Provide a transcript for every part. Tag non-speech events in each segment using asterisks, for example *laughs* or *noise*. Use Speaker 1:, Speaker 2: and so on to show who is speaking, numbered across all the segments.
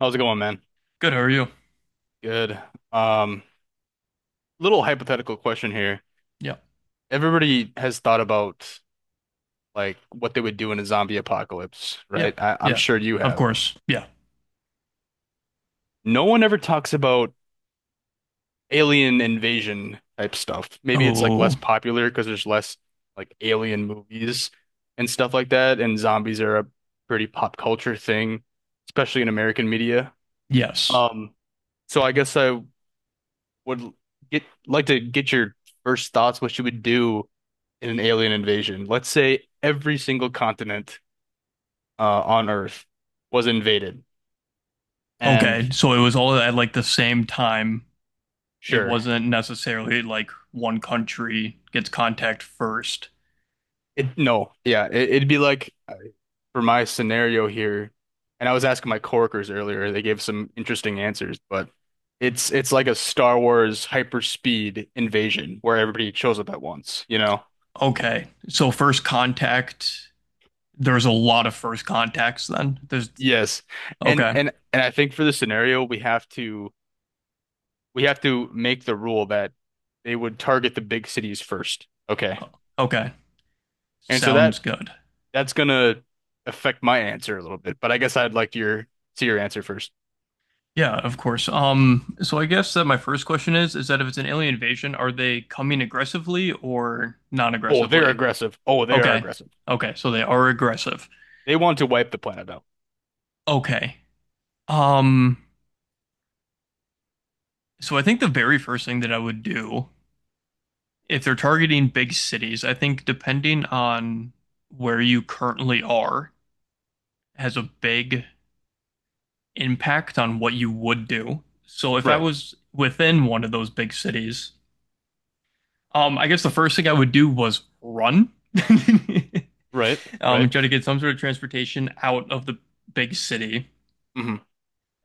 Speaker 1: How's it going, man?
Speaker 2: Good. How are you?
Speaker 1: Good. Um, Little hypothetical question here.
Speaker 2: Yeah.
Speaker 1: Everybody has thought about like what they would do in a zombie apocalypse,
Speaker 2: Yeah.
Speaker 1: right? I'm
Speaker 2: Yeah.
Speaker 1: sure you
Speaker 2: Of
Speaker 1: have.
Speaker 2: course. Yeah.
Speaker 1: No one ever talks about alien invasion type stuff. Maybe it's like less
Speaker 2: Oh,
Speaker 1: popular because there's less like alien movies and stuff like that, and zombies are a pretty pop culture thing, especially in American media.
Speaker 2: yes.
Speaker 1: Um, so I guess I would get like to get your first thoughts what you would do in an alien invasion. Let's say every single continent on Earth was invaded, and
Speaker 2: Okay. So it was all at like the same time. It
Speaker 1: sure,
Speaker 2: wasn't necessarily like one country gets contact first.
Speaker 1: it no, yeah, it'd be like for my scenario here, and I was asking my coworkers earlier, they gave some interesting answers, but it's like a Star Wars hyperspeed invasion where everybody shows up at once, you know?
Speaker 2: Okay. So first contact, there's a lot of first contacts then. There's
Speaker 1: Yes, and
Speaker 2: okay.
Speaker 1: and and I think for the scenario we have to. We have to make the rule that they would target the big cities first. Okay.
Speaker 2: okay.
Speaker 1: And so
Speaker 2: Sounds
Speaker 1: that
Speaker 2: good.
Speaker 1: that's gonna affect my answer a little bit, but I guess I'd like your see your answer first.
Speaker 2: Yeah, of course. So I guess that my first question is that if it's an alien invasion, are they coming aggressively or
Speaker 1: Oh, they're
Speaker 2: non-aggressively?
Speaker 1: aggressive. Oh, they are
Speaker 2: Okay.
Speaker 1: aggressive.
Speaker 2: Okay. So they are aggressive.
Speaker 1: They want to wipe the planet out.
Speaker 2: Okay. Um, so I think the very first thing that I would do, if they're targeting big cities, I think depending on where you currently are, has a big impact on what you would do. So if I
Speaker 1: Right,
Speaker 2: was within one of those big cities, I guess the first thing I would do was run. *laughs*
Speaker 1: right,
Speaker 2: Um,
Speaker 1: right,
Speaker 2: try to get some sort of transportation out of the big city.
Speaker 1: hmm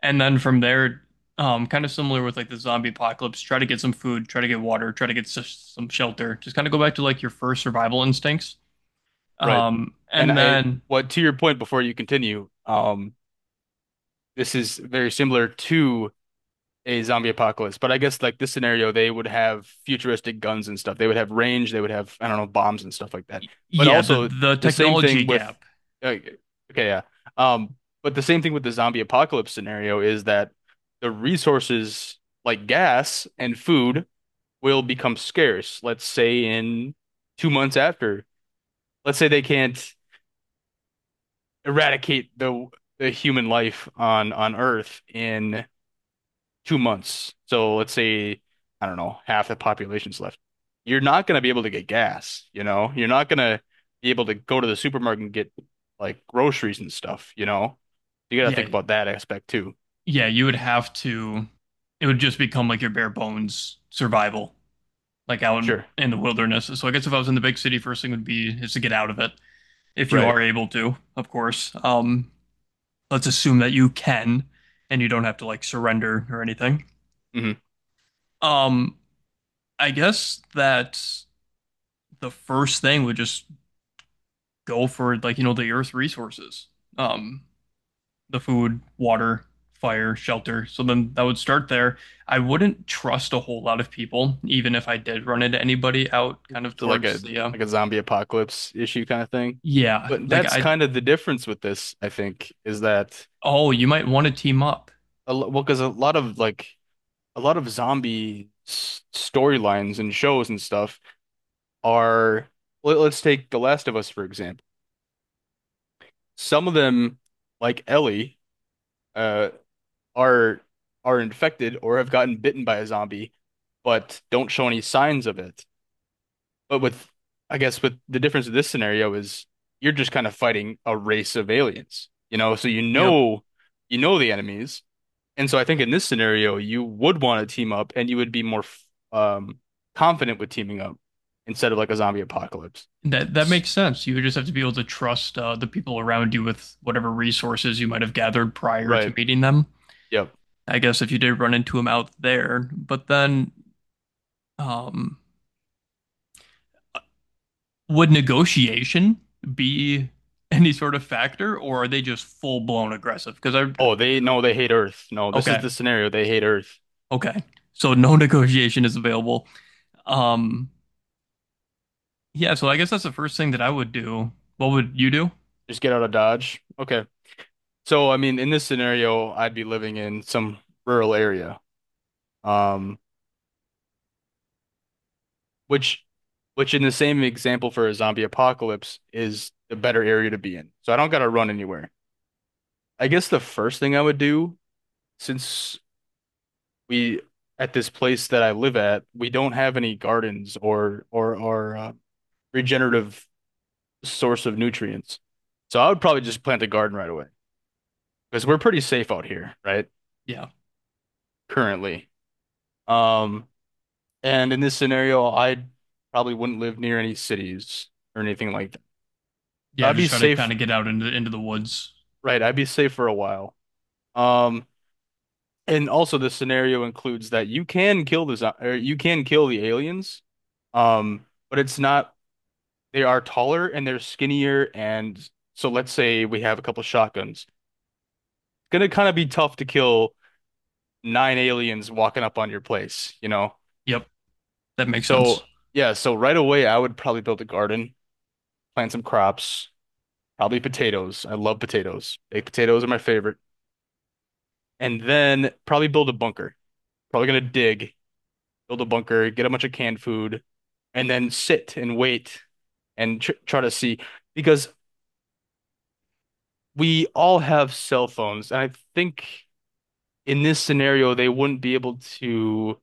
Speaker 2: And then from there, kind of similar with like the zombie apocalypse, try to get some food, try to get water, try to get some shelter. Just kind of go back to like your first survival instincts.
Speaker 1: right.
Speaker 2: Um,
Speaker 1: And
Speaker 2: and
Speaker 1: I,
Speaker 2: then
Speaker 1: what to your point before you continue, this is very similar to a zombie apocalypse. But I guess like this scenario, they would have futuristic guns and stuff. They would have range. They would have, I don't know, bombs and stuff like that. But
Speaker 2: yeah, the
Speaker 1: also the same
Speaker 2: technology
Speaker 1: thing with,
Speaker 2: gap.
Speaker 1: uh, okay, yeah. Um, but the same thing with the zombie apocalypse scenario is that the resources like gas and food will become scarce. Let's say in 2 months after, let's say they can't eradicate the human life on Earth in 2 months. So let's say, I don't know, half the population's left. You're not going to be able to get gas, you know? You're not going to be able to go to the supermarket and get like groceries and stuff, you know? You got to think
Speaker 2: Yeah,
Speaker 1: about that aspect too.
Speaker 2: yeah, you would have to. It would just become like your bare bones survival, like out
Speaker 1: Sure.
Speaker 2: in the wilderness. So I guess if I was in the big city, first thing would be is to get out of it if you
Speaker 1: Right.
Speaker 2: are able to, of course. Let's assume that you can, and you don't have to like surrender or anything.
Speaker 1: hmm
Speaker 2: Um, I guess that the first thing would just go for, like, you know, the earth resources. Um, the food, water, fire, shelter. So then that would start there. I wouldn't trust a whole lot of people, even if I did run into anybody out kind of
Speaker 1: So
Speaker 2: towards the
Speaker 1: like a zombie apocalypse issue kind of thing.
Speaker 2: yeah,
Speaker 1: But
Speaker 2: like
Speaker 1: that's
Speaker 2: I
Speaker 1: kind of the difference with this, I think, is that
Speaker 2: oh, you might want to team up.
Speaker 1: well, because a lot of like a lot of storylines and shows and stuff are let, us take The Last of Us for example. Some of them, like Ellie, uh, are are infected or have gotten bitten by a zombie, but don't show any signs of it. But with, I guess, with the difference of this scenario is you're just kind of fighting a race of aliens, you know. So
Speaker 2: Yep.
Speaker 1: you know the enemies, and so I think in this scenario you would want to team up, and you would be more um confident with teaming up instead of like a zombie apocalypse.
Speaker 2: That that makes sense. You would just have to be able to trust the people around you with whatever resources you might have gathered prior to
Speaker 1: Right.
Speaker 2: meeting them.
Speaker 1: Yep.
Speaker 2: I guess if you did run into him out there. But then, um, would negotiation be any sort of factor, or are they just full blown aggressive?
Speaker 1: Oh, they no, they hate Earth. No, this is
Speaker 2: Okay,
Speaker 1: the scenario. They hate Earth.
Speaker 2: okay, so no *laughs* negotiation is available. Um, yeah, so I guess that's the first thing that I would do. What would you do?
Speaker 1: Just get out of Dodge. Okay. So, I mean, in this scenario, I'd be living in some rural area. Um, which which in the same example for a zombie apocalypse is the better area to be in. So I don't gotta run anywhere. I guess the first thing I would do, since we at this place that I live at, we don't have any gardens or regenerative source of nutrients. So I would probably just plant a garden right away, because we're pretty safe out here, right?
Speaker 2: Yeah,
Speaker 1: Currently. Um, and in this scenario, I probably wouldn't live near any cities or anything like that. So
Speaker 2: yeah,
Speaker 1: I'd be
Speaker 2: just try to kind
Speaker 1: safe,
Speaker 2: of get out into the woods.
Speaker 1: right? I'd be safe for a while. Um, and also the scenario includes that you can kill the zo- or you can kill the aliens, but it's not they are taller and they're skinnier, and so let's say we have a couple shotguns. It's gonna kind of be tough to kill nine aliens walking up on your place, you know?
Speaker 2: Yep, that makes sense.
Speaker 1: So yeah, so right away I would probably build a garden, plant some crops, probably potatoes. I love potatoes. Baked potatoes are my favorite. And then probably build a bunker. Probably gonna dig, build a bunker, get a bunch of canned food, and then sit and wait and tr try to see because we all have cell phones, and I think in this scenario they wouldn't be able to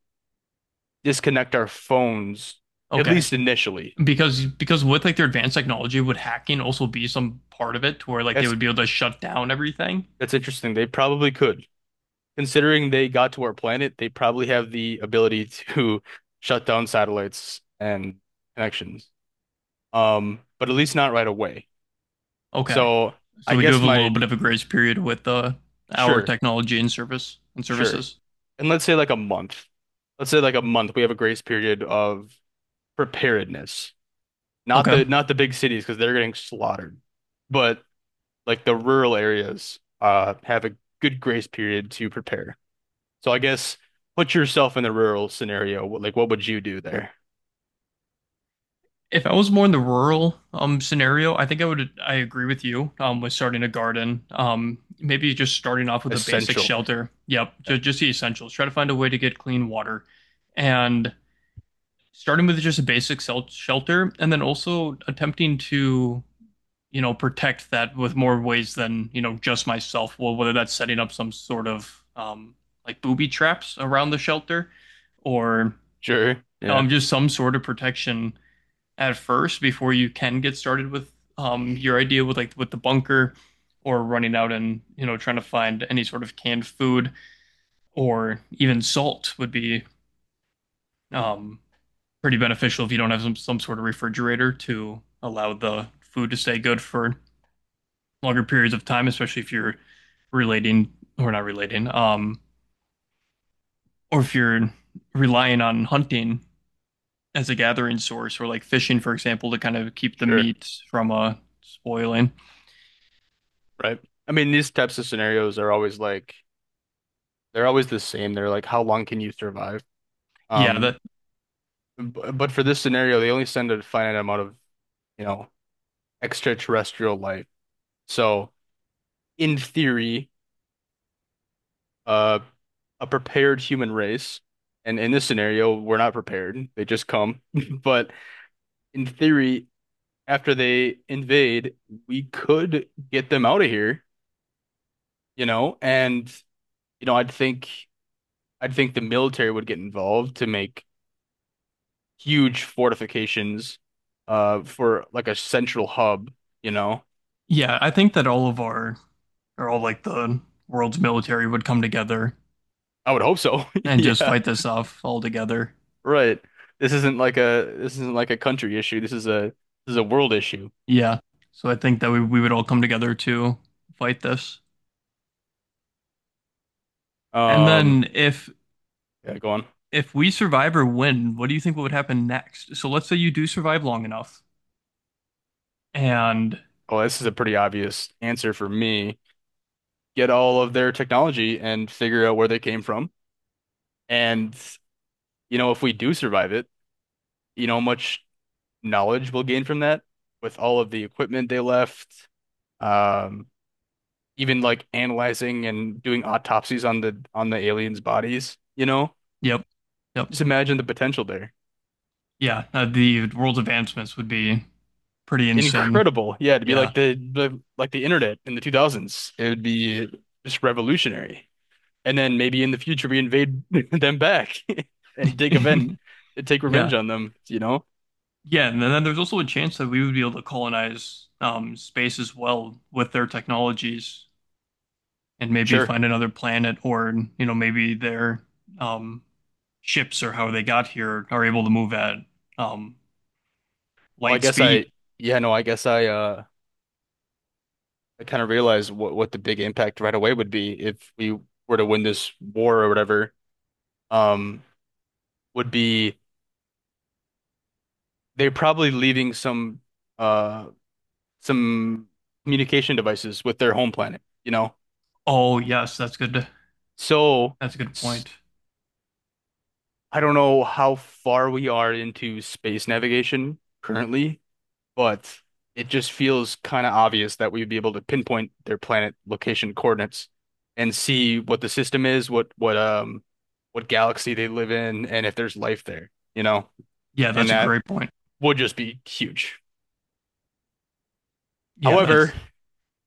Speaker 1: disconnect our phones, at
Speaker 2: Okay,
Speaker 1: least initially.
Speaker 2: because with like their advanced technology, would hacking also be some part of it, to where like they
Speaker 1: That's
Speaker 2: would be able to shut down everything?
Speaker 1: that's interesting. They probably could, considering they got to our planet. They probably have the ability to *laughs* shut down satellites and connections. But at least not right away.
Speaker 2: Okay.
Speaker 1: So I
Speaker 2: So we do
Speaker 1: guess
Speaker 2: have a little
Speaker 1: my
Speaker 2: bit of a grace period with our
Speaker 1: sure,
Speaker 2: technology and service and
Speaker 1: sure.
Speaker 2: services.
Speaker 1: And let's say like a month. Let's say like a month, we have a grace period of preparedness. Not
Speaker 2: Okay.
Speaker 1: the not the big cities because they're getting slaughtered, but like the rural areas have a good grace period to prepare. So I guess put yourself in the rural scenario. What? Like what would you do there?
Speaker 2: If I was more in the rural scenario, I think I agree with you with starting a garden. Maybe just starting off with a basic
Speaker 1: Essential.
Speaker 2: shelter. Yep,
Speaker 1: Yeah.
Speaker 2: just the essentials. Try to find a way to get clean water and starting with just a basic shelter and then also attempting to, you know, protect that with more ways than, you know, just myself. Well, whether that's setting up some sort of like booby traps around the shelter or
Speaker 1: Sure. Yeah.
Speaker 2: just some sort of protection at first before you can get started with, your idea with with the bunker or running out and, you know, trying to find any sort of canned food or even salt would be, um, pretty beneficial if you don't have some sort of refrigerator to allow the food to stay good for longer periods of time, especially if you're relating or not relating, or if you're relying on hunting as a gathering source or like fishing, for example, to kind of keep the
Speaker 1: Sure.
Speaker 2: meat from spoiling.
Speaker 1: Right. I mean, these types of scenarios are always like they're always the same. They're like, how long can you survive?
Speaker 2: Yeah, that
Speaker 1: Um, but for this scenario, they only send a finite amount of, you know, extraterrestrial life. So in theory, uh, a prepared human race, and in this scenario, we're not prepared. They just come. *laughs* But in theory, after they invade, we could get them out of here, you know, and you know, I'd think the military would get involved to make huge fortifications for like a central hub, you know.
Speaker 2: yeah, I think that all of our or all like the world's military would come together
Speaker 1: I would hope so. *laughs*
Speaker 2: and just
Speaker 1: Yeah,
Speaker 2: fight this off all together.
Speaker 1: right. This isn't like a this isn't like a country issue. This is a world issue.
Speaker 2: Yeah. So I think that we would all come together to fight this. And
Speaker 1: Um,
Speaker 2: then
Speaker 1: yeah, go on.
Speaker 2: if we survive or win, what do you think would happen next? So let's say you do survive long enough, and
Speaker 1: Well, this is a pretty obvious answer for me. Get all of their technology and figure out where they came from. And you know, if we do survive it, you know, much knowledge we'll gain from that with all of the equipment they left. Um, even like analyzing and doing autopsies on the aliens' bodies, you know?
Speaker 2: yep, yep,
Speaker 1: Just imagine the potential there.
Speaker 2: yeah, the world's advancements would be pretty insane.
Speaker 1: Incredible. Yeah, to be
Speaker 2: Yeah,
Speaker 1: like the like the internet in the 2000s. It would be just revolutionary. And then maybe in the future we invade *laughs* them back *laughs*
Speaker 2: *laughs*
Speaker 1: and
Speaker 2: yeah,
Speaker 1: take revenge on them, you know?
Speaker 2: yeah, and then there's also a chance that we would be able to colonize, space as well with their technologies, and maybe
Speaker 1: Sure.
Speaker 2: find another planet, or you know, maybe their um, ships or how they got here are able to move at, um,
Speaker 1: Well, I
Speaker 2: light
Speaker 1: guess
Speaker 2: speed.
Speaker 1: I yeah, no, I guess I kind of realized what the big impact right away would be if we were to win this war or whatever. Um, would be they're probably leaving some uh some communication devices with their home planet, you know.
Speaker 2: Oh yes, that's good.
Speaker 1: So
Speaker 2: That's a good
Speaker 1: s-
Speaker 2: point.
Speaker 1: I don't know how far we are into space navigation currently, but it just feels kind of obvious that we'd be able to pinpoint their planet location coordinates and see what the system is, what what galaxy they live in, and if there's life there, you know?
Speaker 2: Yeah,
Speaker 1: And
Speaker 2: that's a
Speaker 1: that
Speaker 2: great point.
Speaker 1: would just be huge.
Speaker 2: Yeah,
Speaker 1: However,
Speaker 2: that's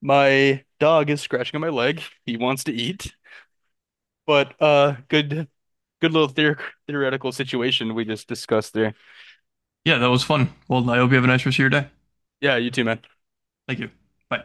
Speaker 1: my dog is scratching on my leg. He wants to eat, but good good little theor theoretical situation we just discussed there.
Speaker 2: yeah, that was fun. Well, I hope you have a nice rest of your day.
Speaker 1: Yeah, you too, man.
Speaker 2: Thank you. Bye.